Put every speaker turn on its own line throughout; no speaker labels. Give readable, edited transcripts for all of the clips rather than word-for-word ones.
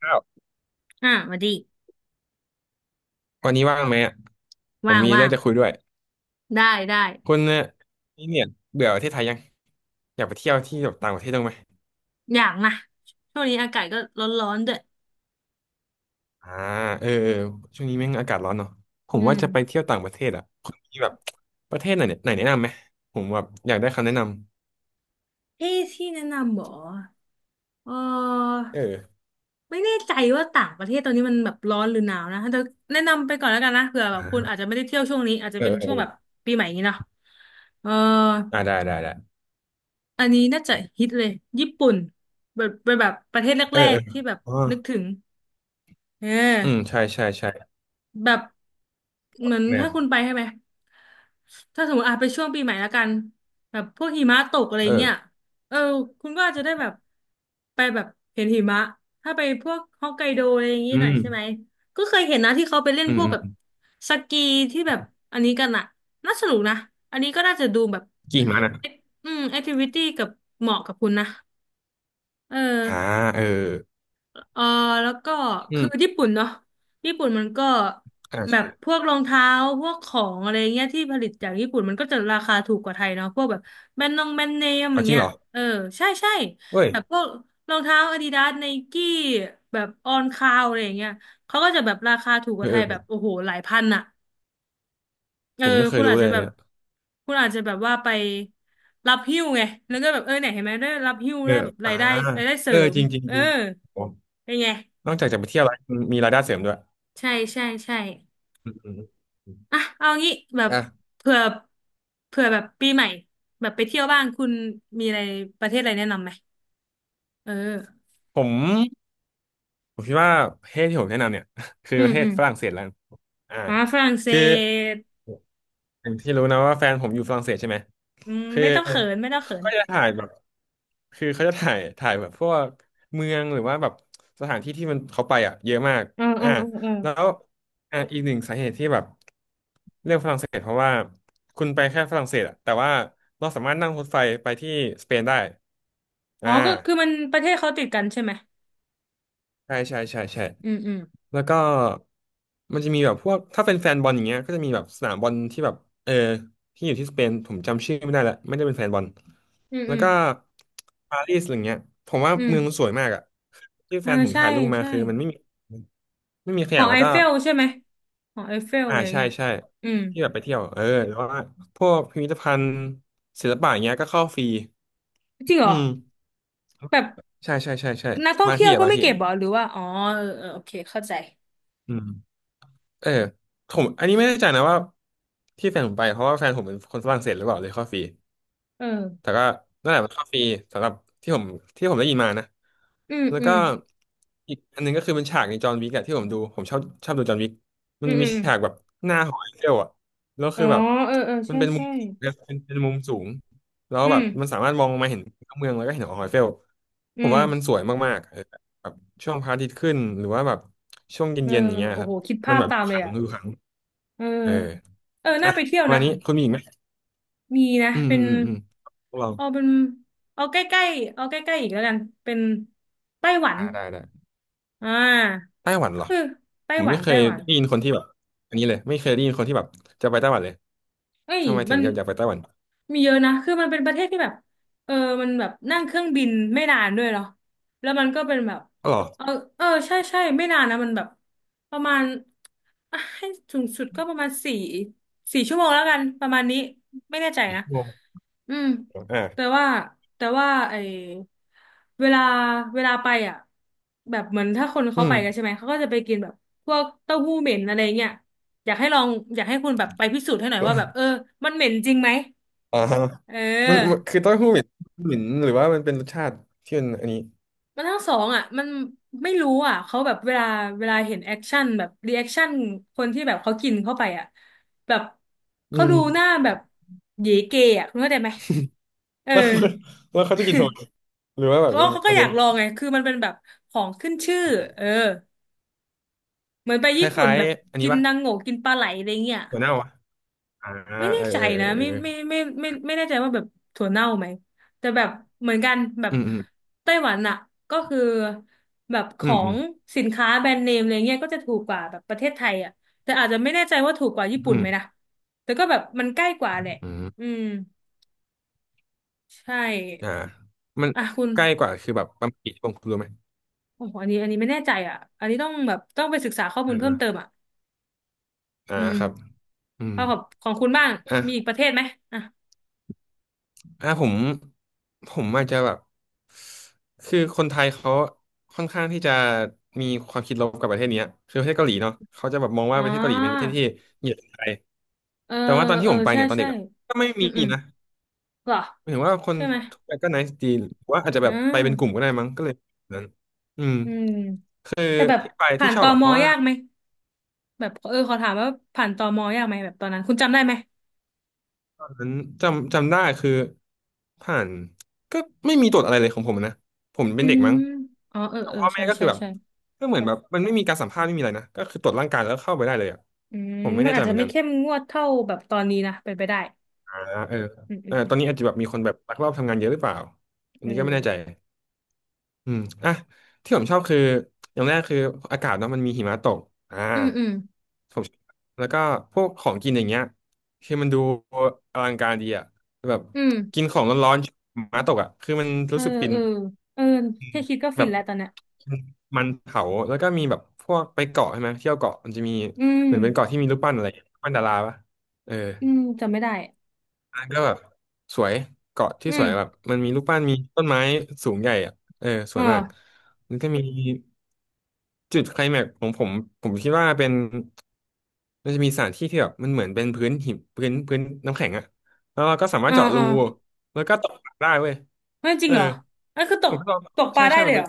ข้าว
อ่ะมาดิ
วันนี้ว่างไหมอะผม
ว่าง
มี
ว่า
เรื่อ
ง
งจะคุยด้วย
ได้ได้
คุณเนี่ยนี่เนี่ยเบื่อประเทศไทยยังอยากไปเที่ยวที่แบบต่างประเทศบ้างไหม
อยากนะช่วงนี้อากาศก็ร้อนร้อนด้วย
อ่าเออเออช่วงนี้แม่งอากาศร้อนเนาะผม
อื
ว่า
ม
จะไปเที่ยวต่างประเทศอ่ะคุณมีแบบประเทศไหนเนี่ยไหนแนะนำไหมผมแบบอยากได้คำแนะน
เอ๊ะที่แนะนำเหรอเออ
ำเออ
ไม่แน่ใจว่าต่างประเทศตอนนี้มันแบบร้อนหรือหนาวนะแต่แนะนำไปก่อนแล้วกันนะเผื่อแบ
อ่
บคุณ
า
อาจจะไม่ได้เที่ยวช่วงนี้อาจจะ
เออ
เป็น
เออ
ช่วงแบบปีใหม่อย่างนี้เนาะเออ
อ่าได้ได้ได้
อันนี้น่าจะฮิตเลยญี่ปุ่นแบบเป็นแบบประเทศแร
เออเอ
ก
อ
ๆที่แบบ
อ๋อ
นึกถึงเออ
อืมใช่ใช่ใช่
แบบเหมือน
แม่
ถ้า
ง
คุณไปใช่ไหมถ้าสมมติอาไปช่วงปีใหม่แล้วกันแบบพวกหิมะตกอะไร
เออ
เงี้ยเออคุณก็อาจจะได้แบบไปแบบเห็นหิมะถ้าไปพวกฮอกไกโดอะไรอย่างงี้
อื
หน่อย
ม
ใช่ไหมก็เคยเห็นนะที่เขาไปเล่น
อื
พ
ม
วก
อื
แบบ
ม
สกีที่แบบอันนี้กันอะน่าสนุกนะอันนี้ก็น่าจะดูแบบ
กี่หิมะนะ
อืมแอคทิวิตี้กับเหมาะกับคุณนะเออ
อ่าเออ
เออแล้วก็
อื
คือ
ม
ญี่ปุ่นเนาะญี่ปุ่นมันก็
อ่า
แบบพ
ใช่
วกรองเท้าพวกของอะไรเงี้ยที่ผลิตจากญี่ปุ่นมันก็จะราคาถูกกว่าไทยเนาะพวกแบบแบรนด์นงแบรนด์เนมอ
เอา
ย่าง
จริง
เงี้ย
เหรอ
เออใช่ใช่
เว้ย
แบบพวกรองเท้าอาดิดาสไนกี้แบบออนคาวอะไรอย่างเงี้ยเขาก็จะแบบราคาถูกก
เอ
ว่า
อ
ไทย
เอ
แบบ
อ
โอ้โหหลายพันอะเอ
ผ
อ
มไม่เค
คุ
ย
ณ
รู้
อาจ
เล
จะ
ย
แบบ
เนี่ย
คุณอาจจะแบบว่าไปรับหิ้วไงแล้วก็แบบเออเนี่ยเห็นไหมได้รับหิ้ว
เออ
ได้แบบ
อ่า
รายได้รายได้เส
เอ
ริ
อ
ม
จริงจริง
เออ
จริงผม
เป็นไง
นอกจากจะไปเที่ยวแล้วมีรายได้เสริมด้วย
ใช่ใช่ใช่
อืมอืมอืม
อ่ะเอางี้แบบ
อ่ะ
เผื่อเผื่อแบบปีใหม่แบบไปเที่ยวบ้างคุณมีอะไรประเทศอะไรแนะนำไหมเออ
ผมผมคิดว่าประเทศที่ผมแนะนำเนี่ย คือ
อื
ป
ม
ระเท
อื
ศ
ม
ฝรั่งเศสแล้วกันอ่า
อ่าฝรั่งเศ
คือ
ส
อย่างที่รู้นะว่าแฟนผมอยู่ฝรั่งเศสใช่ไหม
อืม
คือ
ไม่ต้องเขินไม่ต้องเขิ
เขา
น
ก็จะถ่ายแบบคือเขาจะถ่ายแบบพวกเมืองหรือว่าแบบสถานที่ที่มันเขาไปอ่ะเยอะมาก
เออเออ
อ่า
เออเออ
แล้วอ่าอีกหนึ่งสาเหตุที่แบบเลือกฝรั่งเศสเพราะว่าคุณไปแค่ฝรั่งเศสอ่ะแต่ว่าเราสามารถนั่งรถไฟไปที่สเปนได้
อ๋อ
อ่า
ก็คือมันประเทศเขาติดกันใช่ไหม
ใช่ใช่ใช่ใช่
อืมอืม
แล้วก็มันจะมีแบบพวกถ้าเป็นแฟนบอลอย่างเงี้ยก็จะมีแบบสนามบอลที่แบบเออที่อยู่ที่สเปนผมจำชื่อไม่ได้ละไม่ได้เป็นแฟนบอล
อืม
แล้
อื
ว
ม
ก็ปารีสอะไรเงี้ยผมว่า
อืม
เมืองมันสวยมากอะที่
เอ
แฟ
อ
นผม
ใช่
ถ่ายรูปมา
ใช่
คือมันไม่มีไม่มีข
หอ
ยะ
ไอ
แล้วก็
เฟลใช่ไหมหอไอเฟล
อ่า
อะไร
ใช่
เงี้ย
ใช่
อืม
ที่แบบไปเที่ยวเออแล้วว่าพวกพิพิธภัณฑ์ศิลปะอย่างเงี้ยก็เข้าฟรี
จริงเหร
อื
อ
ม
แบบ
ใช่ใช่ใช่ใช่
นักท่อง
บาง
เที่ย
ที่
ว
อะ
ก็
บาง
ไม่
ที่
เก็บเหรอหรือว่าอ๋อเออเออโอเคเข้าใจ
อืม เออผมอันนี้ไม่แน่ใจนะว่าที่แฟนผมไปเพราะว่าแฟนผมเป็นคนฝรั่งเศสหรือเปล่าเลยเข้าฟรี
เออ
แต่ก็นั่นแหละมันเข้าฟรีสำหรับที่ผมที่ผมได้ยินมานะ
อืม
แล้ว
อื
ก็
ม
อีกอันหนึงก็คือเป็นฉากในจอห์นวิกอะที่ผมดูผมชอบชอบดูจอห์นวิกมั
อื
น
ม
จะ
อื
มี
ม
ฉากแบบหน้าหอไอเฟลอะแล้ว
อ๋
คื
อ
อแบบ
เออเออ
มัน
ใช่
เป็นมุ
ใช่
มเเป็นมุมสูงแล้ว
อื
แบ
ม
บมันสามารถมองลงมาเห็นเมืองแล้วก็เห็นหอไอเฟล
อื
ผม
ม
ว่ามันสวยมากๆเออแบบช่วงพระอาทิตย์ขึ้นหรือว่าแบบช่วง
เออ
เย็นๆอย่างเงี้ย
โอ้
ครั
โห
บ
คิด
มั
ภา
น
พ
แบบ
ตา
ดู
ม
ข
เล
ลั
ย
ง
อ่ะ
ดูขลัง
เออ
เออ
เออ
อ่ะ
น่าไปเที่ย
ป
ว
ระมาณ
นะ
นี้คุณมีอีกไหม
มีนะ
อืม
เป็น
อืมอืมพวกเรา
เอาเป็นเอาใกล้ๆเอาใกล้ๆอีกแล้วกันเป็นไต้หวัน
อ่าได้ได้
อ่า
ไต้หวันเห
ก็
รอ
คือไต้
ผม
หวั
ไม่
น
เค
ไต้
ย
หวัน
ได้ยินคนที่แบบอันนี้เลยไม่เคยได้ยินคนที่แบบจะไปไต้หวันเลย
เอ้ย
ทำไมถึ
มั
ง
น
อยากไปไต้หวัน
มีเยอะนะคือมันเป็นประเทศที่แบบเออมันแบบนั่งเครื่องบินไม่นานด้วยเหรอแล้วมันก็เป็นแบบ
อ๋อเหรอ
เออเออใช่ใช่ไม่นานนะมันแบบประมาณอ่ะให้สูงสุดก็ประมาณสี่สี่ชั่วโมงแล้วกันประมาณนี้ไม่แน่ใจ
อีก
นะ
ชั่วโมง
อืม
อ
แต่
่า
ว่าแต่ว่าไอเวลาเวลาไปอ่ะแบบเหมือนถ้าคน
อื
เขาไป
ม
กันใช่ไหมเขาก็จะไปกินแบบพวกเต้าหู้เหม็นอะไรเงี้ย อยากให้ลองอยากให้คุณแบบไปพิสูจน์ให้หน่อยว่าแบบเออมันเหม็นจริงไหม
อ่าฮะ
เ
มันมั
ออ
นคือเต้าหู้เหม็นเหม็นหรือว่ามันเป็นรสชาติที่มันอันนี้
มันทั้งสองอ่ะมันไม่รู้อ่ะเขาแบบเวลาเห็นแอคชั่นแบบรีแอคชั่นคนที่แบบเขากินเข้าไปอ่ะแบบ
อื
เขา
ม
ดูหน้าแบบเหยเกอ่ะคุณเข้าใจไหมเออ
แล้วเขาแล้วเขาจะกินทำไม หรือว่าแบบ
เขา
เป็น
เขา
คอ
ก็
น
อ
เท
ยา
น
ก
ต์
ลองไงคือมันเป็นแบบของขึ้นชื่อเออเหมือนไป
ค
ญี่ปุ่น
ล้าย
แบบ
ๆอันนี้
กิน
ปะ
นางโงกินปลาไหลอะไรเงี้ย
หัวเน่าวะอ่า
ไม่แน่
เออ
ใจ
เออ
นะ
เออเออ
ไม่แน่ใจว่าแบบถั่วเน่าไหมแต่แบบเหมือนกันแบบ
อืมอืม
ไต้หวันอะก็คือแบบข
อื
อ
มอื
ง
ม
สินค้าแบรนด์เนมอะไรเงี้ยก็จะถูกกว่าแบบประเทศไทยอะแต่อาจจะไม่แน่ใจว่าถูกกว่าญี่ปุ่น
อืม
ไหมนะแต่ก็แบบมันใกล้กว่าแหละ
อืม
อืมใช่
อ่ามัน
อ่ะคุณ
ใกล้กว่าคือแบบประมาณกี่ชั่วโมงคุณรู้ไหม
โอ้โหอันนี้ไม่แน่ใจอ่ะอันนี้ต้องแบบต้องไปศึกษาข้อมูลเพิ่ม
อ่า
เติมอ่ะ
อ่า
อืม
ครับอืม
เอาของคุณบ้างมีอีก
อ่ะ
ประเทศไหมอ่ะ
อ่ะผมอาจจะแบบคือคนไทยเขาค่อนข้างที่จะมีความคิดลบกับประเทศเนี้ยคือประเทศเกาหลีเนาะเขาจะแบบมอง
อ๋
ว่า
อ
ประเทศเกาหลีเป็นประเทศที่เหยียดคนไทย
เออ
แต่ว่าตอนที่
เออ
ผมไป
ใช่
เนี่ยตอนเด็
ใช่
กอะก็ไม่
อื
มี
มอืม
นะ
เหรอ
หมายถึงว่าคน
ใช่ไหม
ทุกวไปก็ nice ดีหรือว่าอาจจะ
อื
แบบไป
ม
เป็นกลุ่มก็ได้มั้งก็เลยแบบนั้นอืม
อืม
คือ
แต่แบบ
ที่ไป
ผ่า
ที่
น
ช
ต
อบอะ
ม
เพราะว่า
ยากไหมแบบเออขอถามว่าผ่านตมยากไหมแบบตอนนั้นคุณจำได้ไหม
นั้นจำได้คือผ่านก็ไม่มีตรวจอะไรเลยของผมนะผมเป็
อื
นเด็ก
ม
มั้ง
อ๋อเออ
แต่
เออ
พ่อแม่
ใช่
ก็คื
ใช่
อแบบ
ใช่
ก็เหมือนแบบมันไม่มีการสัมภาษณ์ไม่มีอะไรนะก็คือตรวจร่างกายแล้วเข้าไปได้เลยอ่ะ
อืม
ผมไม่
มั
แน่
นอา
ใจ
จ
เห
จะ
มือน
ไม่
กัน
เข้มงวดเท่าแบบตอนนี้นะเป็นไปได้
อ่าเออ
อืมอื
เอ
ม
อ
อื
ตอ
ม
นนี้อาจจะแบบมีคนแบบลักลอบทำงานเยอะหรือเปล่าอัน
เออ
นี้ก็ไม่แน่ใจ อืมอ่ะที่ผมชอบคืออย่างแรกคืออากาศเนาะมันมีหิมะตกอ่า
อืมอืม
ผมชอบแล้วก็พวกของกินอย่างเงี้ยคือมันดูอลังการดีอ่ะแบบ
อืม
กินของร้อนๆหิมะตกอ่ะคือมัน
เอ
รู้
อ
สึกฟิน
เออเออ
อืม
แค่คิดก็
แบ
ฟิน
บ
แล้วตอนเนี้ย
มันเผาแล้วก็มีแบบพวกไปเกาะใช่ไหมเที่ยวเกาะมันจะมี
อืม
เหมือนเป็นเกาะที่มีรูปปั้นอะไรรูปปั้นดาราปะเออ
อืมจำไม่ได้
อันนั้นก็แบบสวยเกาะที่
อื
ส
ม
วยแบบมันมีรูปปั้นมีต้นไม้สูงใหญ่อ่ะเออส
อ
วยมาก
่า
มันก็มี จุดไคลแม็กซ์ของผมผมคิดว่าเป็นมันจะมีสถานที่ที่แบบมันเหมือนเป็นพื้นหินพื้นน้ำแข็งอะแล้วเราก็สามาร
อ่า
ถเจาะรู
อ่า
แล้วก็ตกปลาได้เว้ย
ไม่จริ
เอ
ง
อ
เหรออันคือต
ผ
ก
มก็ลอง
ตกป
ใช่
ลาได้
ใช่
เล
มั
ย
น
เห
เป็
ร
น
อ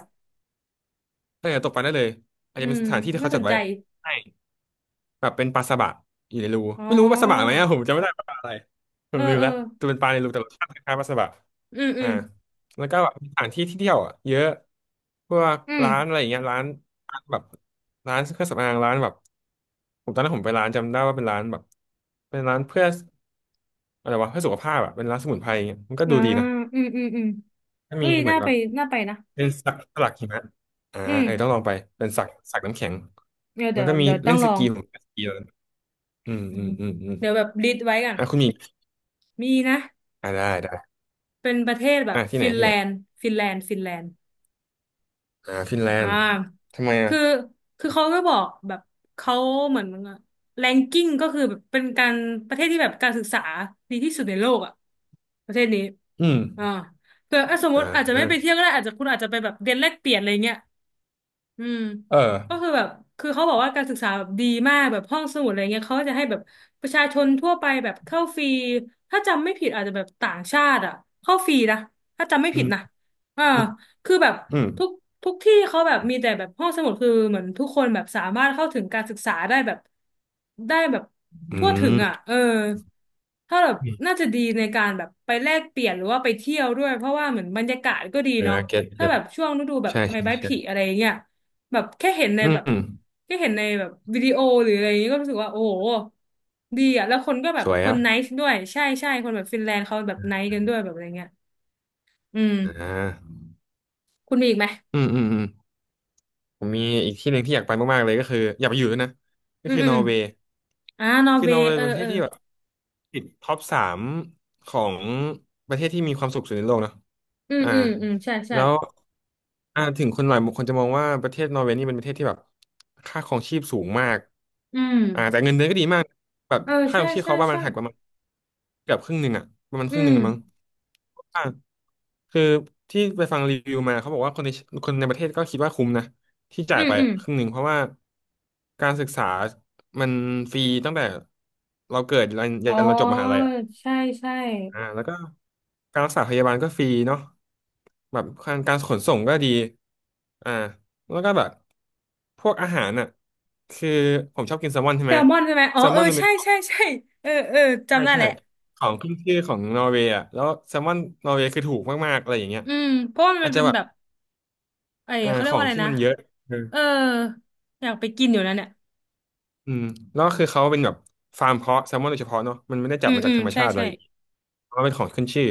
เออตกปลาได้เลยอาจ
อื
จะเป็น
ม
สถานที่ที่
น่า
เขา
ส
จั
น
ด
ใจ
ไว้ใช่ แบบเป็นปลาสบะอยู่ในรู
อ๋อ
ไม่รู้ปลาสบะไหมอะผมจำไม่ได้ปลาอะไรผ
เอ
ม
อ
ลืม
เออ
แล้วจะเป็นปลาในรูแต่รสชาติคล้ายๆปลาสบะ
อืมอื
อ่า
ม
แล้วก็แบบมีสถานที่ที่เที่ยวอะเยอะพวก
อืม
ร้านอะไรอย่างเงี้ยร้านแบบร้านเครื่องสำอางร้านแบบผมตอนนั้นผมไปร้านจำได้ว่าเป็นร้านแบบเป็นร้านเพื่ออะไรวะเพื่อสุขภาพอะเป็นร้านสมุนไพรอย่างเงี้ยมันก็
อ่า
ดูดีนะ
อืมอืมอืม
ก็
เฮ้
มี
ย
เหมือ
น่า
นแบ
ไป
บ
น่าไปนะ
เป็นสักสลักหิมะอ่า
อืม
เออต้องลองไปเป็นสักน้ำแข็ง
เดี๋ยว
แล้
เดี๋
ว
ยว
ก็มี
เดี๋ยวต้อ
เล่
ง
น
ล
ส
อง
กีผมเล่นสกี อืม
อื
อื
ม
มอืมอืม
เดี๋ยวแบบลิสต์ไว้ก่อน
อ่ะคุณมี
มีนะ
อ่ะได้ได้
เป็นประเทศแบบ
อ่ะที่ไหน
ฟิน
ที่
แล
ไหน
นด์ฟินแลนด์ฟินแลนด์
อ่าฟินแล
อ่
นด์
า
ทำไมอ่ะ
คือ คือเขาก็บอกแบบเขาเหมือนแรงกิ้งก็คือแบบเป็นการประเทศที่แบบการศึกษาดีที่สุดในโลกอ่ะประเทศนี้
อืม
อ่าเผื่ออ่ะสมม
อ่
ติอาจจะไม่ไปเที่
า
ยวก็ได้อาจจะคุณอาจจะไปแบบเรียนแลกเปลี่ยนอะไรเงี้ย อืม
เออ
ก็คือแบบคือเขาบอกว่าการศึกษาแบบดีมากแบบห้องสมุดอะไรเงี้ยเขาก็จะให้แบบประชาชนทั่วไปแบบเข้าฟรีถ้าจำไม่ผิดอาจจะแบบต่างชาติอ่ะเข้าฟรีนะถ้าจำไม่
อื
ผิด
ม
นะอ่า
อืม
คือแบบ
อืม
ทุกทุกที่เขาแบบมีแต่แบบห้องสมุดคือเหมือนทุกคนแบบสามารถเข้าถึงการศึกษาได้แบบได้แบบทั่วถึงอ่ะเออถ้าแบบ
อื
น่า
ม
จะดีในการแบบไปแลกเปลี่ยนหรือว่าไปเที่ยวด้วยเพราะว่าเหมือนบรรยากาศก็ดี
เออ
เนาะ
เก็ต
ถ้า
เก็ต
แบบช่วงฤดูแบบ
ใช่
ใบ
ใช่
ไม้ผลิ
ใช่
อะไรเงี้ย แบบแค่เห็นใน
อื
แบบ
ม
แค่เห็นในแบบวิดีโอหรืออะไรอย่างนี้ก็รู้สึกว่าโอ้โหดีอ่ะแล้วคนก็แบ
ส
บ
วย
คน
อ่ะ
ไนซ์ด้วยใช่ใช่คนแบบฟินแลนด์เขาแบบไนซ์กันด้วยแบบอะไรเงี้ยอืม
อ่า
คุณมีอีกไหม
อืมอืมอืมผมมีอีกที่หนึ่งที่อยากไปมากๆเลยก็คืออยากไปอยู่ด้วยนะก็
อืม
คือ
อืม
นอ
อ
ร์
ม
เวย์
อ่านอร์
คือ
เว
นอร์
ย์
เว
เอ
ย์
อ
เป็นประเท
เอ
ศ
อ
ที่แบบ ติดท็อปสามของประเทศที่มีความสุขสุดในโลกเนอะ
อืม
อ่า
อืมอืมใช่ใช่
แล้วอ่าถึงคนหลายคนจะมองว่าประเทศนอร์เวย์นี่เป็นประเทศที่แบบค่าครองชีพสูงมาก
อืม
อ่าแต่เงินเดือนก็ดีมากแบบ
เออ
ค่าค
ใช่
รองชีพ
ใช่
เขาประมา
ใช่
นหักประมาณเกือบครึ่งหนึ่งอะประมาณค
อื
รึ่งหนึ่
ม
งเลยมั้งอ่าคือที่ไปฟังรีวิวมาเขาบอกว่าคนในประเทศก็คิดว่าคุ้มนะ ที่
อื
จ่าย
ม
ไป
อืม
อะครึ่งหนึ่งเพราะว่าการศึกษามันฟรีตั้งแต่เราเกิดยันยั
อ๋
นเราจบม
อ
หาลัยอ่ะ
ใช่ใช่
อ่าแล้วก็การรักษาพยาบาลก็ฟรีเนาะแบบการขนส่งก็ดีอ่าแล้วก็แบบพวกอาหารอ่ะคือผมชอบกินแซลมอนใช่
แซ
ไหม
ลมอนใช่ไหมอ๋อ
แซล
เอ
มอ
อ
นมันเป็
ใช่
นของ
ใช่ใช่เออเออ
ใช่
จำได้
ใช่
แหละ
ของขึ้นชื่อของนอร์เวย์อ่ะแล้วแซลมอนนอร์เวย์คือถูกมากๆอะไรอย่างเงี้ย
อืมเพราะว่ามั
อาจ
น
จะ
เป็น
แบ
แบ
บ
บไอ้
อ่า
เขาเรี
ข
ยก
อ
ว่า
ง
อะไร
ที่
นะ
มันเยอะ
เอออยากไปกินอยู่นะเนี่ย
อืมแล้วก็คือเขาเป็นแบบฟาร์มเพาะแซลมอนโดยเฉพาะเนาะมันไม่ได้จั
อื
บ
ม
มาจา
อื
ก
ม
ธรรม
ใช่
ชาติอะ
ใช่
ไรอย่างเงี้ยเพราะว่าเป็นของขึ้นชื่อ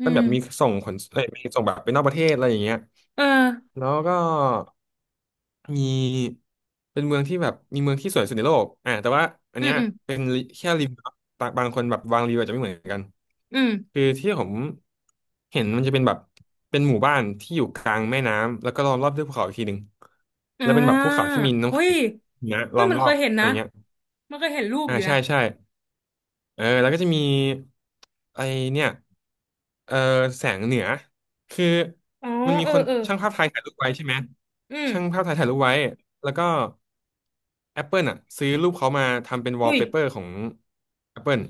อื
ก็แบบมี
ม
ส่งขนเอ้ยมีส่งแบบไปนอกประเทศอะไรอย่างเงี้ย
เออ
แล้วก็มีเป็นเมืองที่แบบมีเมืองที่สวยสุดในโลกอ่าแต่ว่าอัน
อืม
เนี้ย
อืม
เป็นลิแค่รีวิวบางคนแบบวางรีวิวอาจจะไม่เหมือนกัน
อืม
คือที่ผมเห็นมันจะเป็นแบบเป็นหมู่บ้านที่อยู่กลางแม่น้ำแล้วก็ล้อมรอบด้วยภูเขาอีกทีหนึ่ง
อ่
แล้วเป็นแบบภู
า
เขาที่มีน้ำ
อุ้ย
แข็งนะ
เฮ้
ล้
ย
อม
มัน
รอ
เคย
บ
เห็น
อะไร
นะ
เงี้ย
มันเคยเห็นรูป
อ่า
อยู่
ใช่
นะ
ใช่เออแล้วก็จะมีไอเนี่ยเออแสงเหนือคือ
อ๋อ
มันมี
เออ
คน
เออ
ช่างภาพไทยถ่ายรูปไว้ใช่ไหม
อืม
ช่างภาพไทยถ่ายรูปไว้แล้วก็ Apple อ่ะซื้อรูปเขามาทำเป็นวอ
อุ้
ล
ย
เปเปอร์ของ Apple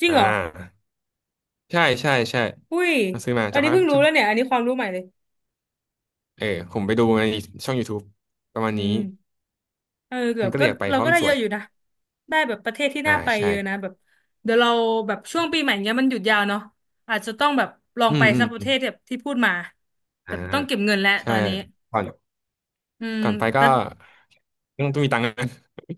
จริง
อ่า
เหรอ
ใช่ใช่ใช่
อุ้ย
เขาซื้อมา
อั
จา
น
ก
นี้
ภาพ
เพิ่งรู้
ช่าง
แล้วเนี่ย อันนี้ความรู้ใหม่เลย
เออผมไปดูในช่อง YouTube ประมาณ
อื
นี้
มเออเกือ
มัน
บ
ก็
ก็
เรียกไป
เรา
เพราะ
ก็
มัน
ได้
ส
เย
วย
อะอยู่นะ ได้แบบประเทศที่
อ่า
น่าไป
ใช่
เยอะนะแบบเดี๋ยวเราแบบช่วงปีใหม่เนี้ยมันหยุดยาวเนาะอาจจะต้องแบบลอง
อื
ไป
มอื
สั
ม
กป
อ
ระเท
ม
ศแบบที่พูดมา
อ่า
แต่ต้องเก็บเงินแล้วต
ใช่
อนนี้
ก่อน
อืม
ก่อนไปก็
แต่
ต้องมีตังค์ นะ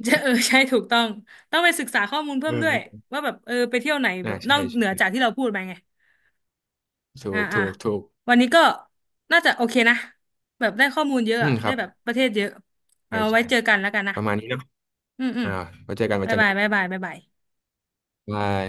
จะเออใช่ถูกต้องต้องไปศึกษาข้อมูลเพิ่มด้วย
เออ
ว่าแบบเออไปเที่ยวไหนแบ
น่า
บนอ
ใช่
กเหนือ
ใช่
จากที่เราพูดไปไง
ถู
อ่า
ก
อ่า
ถูกถูก
วันนี้ก็น่าจะโอเคนะแบบได้ข้อมูลเยอะ
อื
อะ
มค
ได้
รับ
แบบประเทศเยอะ
ใช่
เอาไว้
ใช่
เจอกันแล้วกัน
ป
นะ
ระมาณนี้เนอะ
อืมอืม
อ่าไว้เจอกันไว้
บ๊า
เจ
ย
อ
บา
กั
ย
น
บ๊ายบายบ๊ายบาย
บาย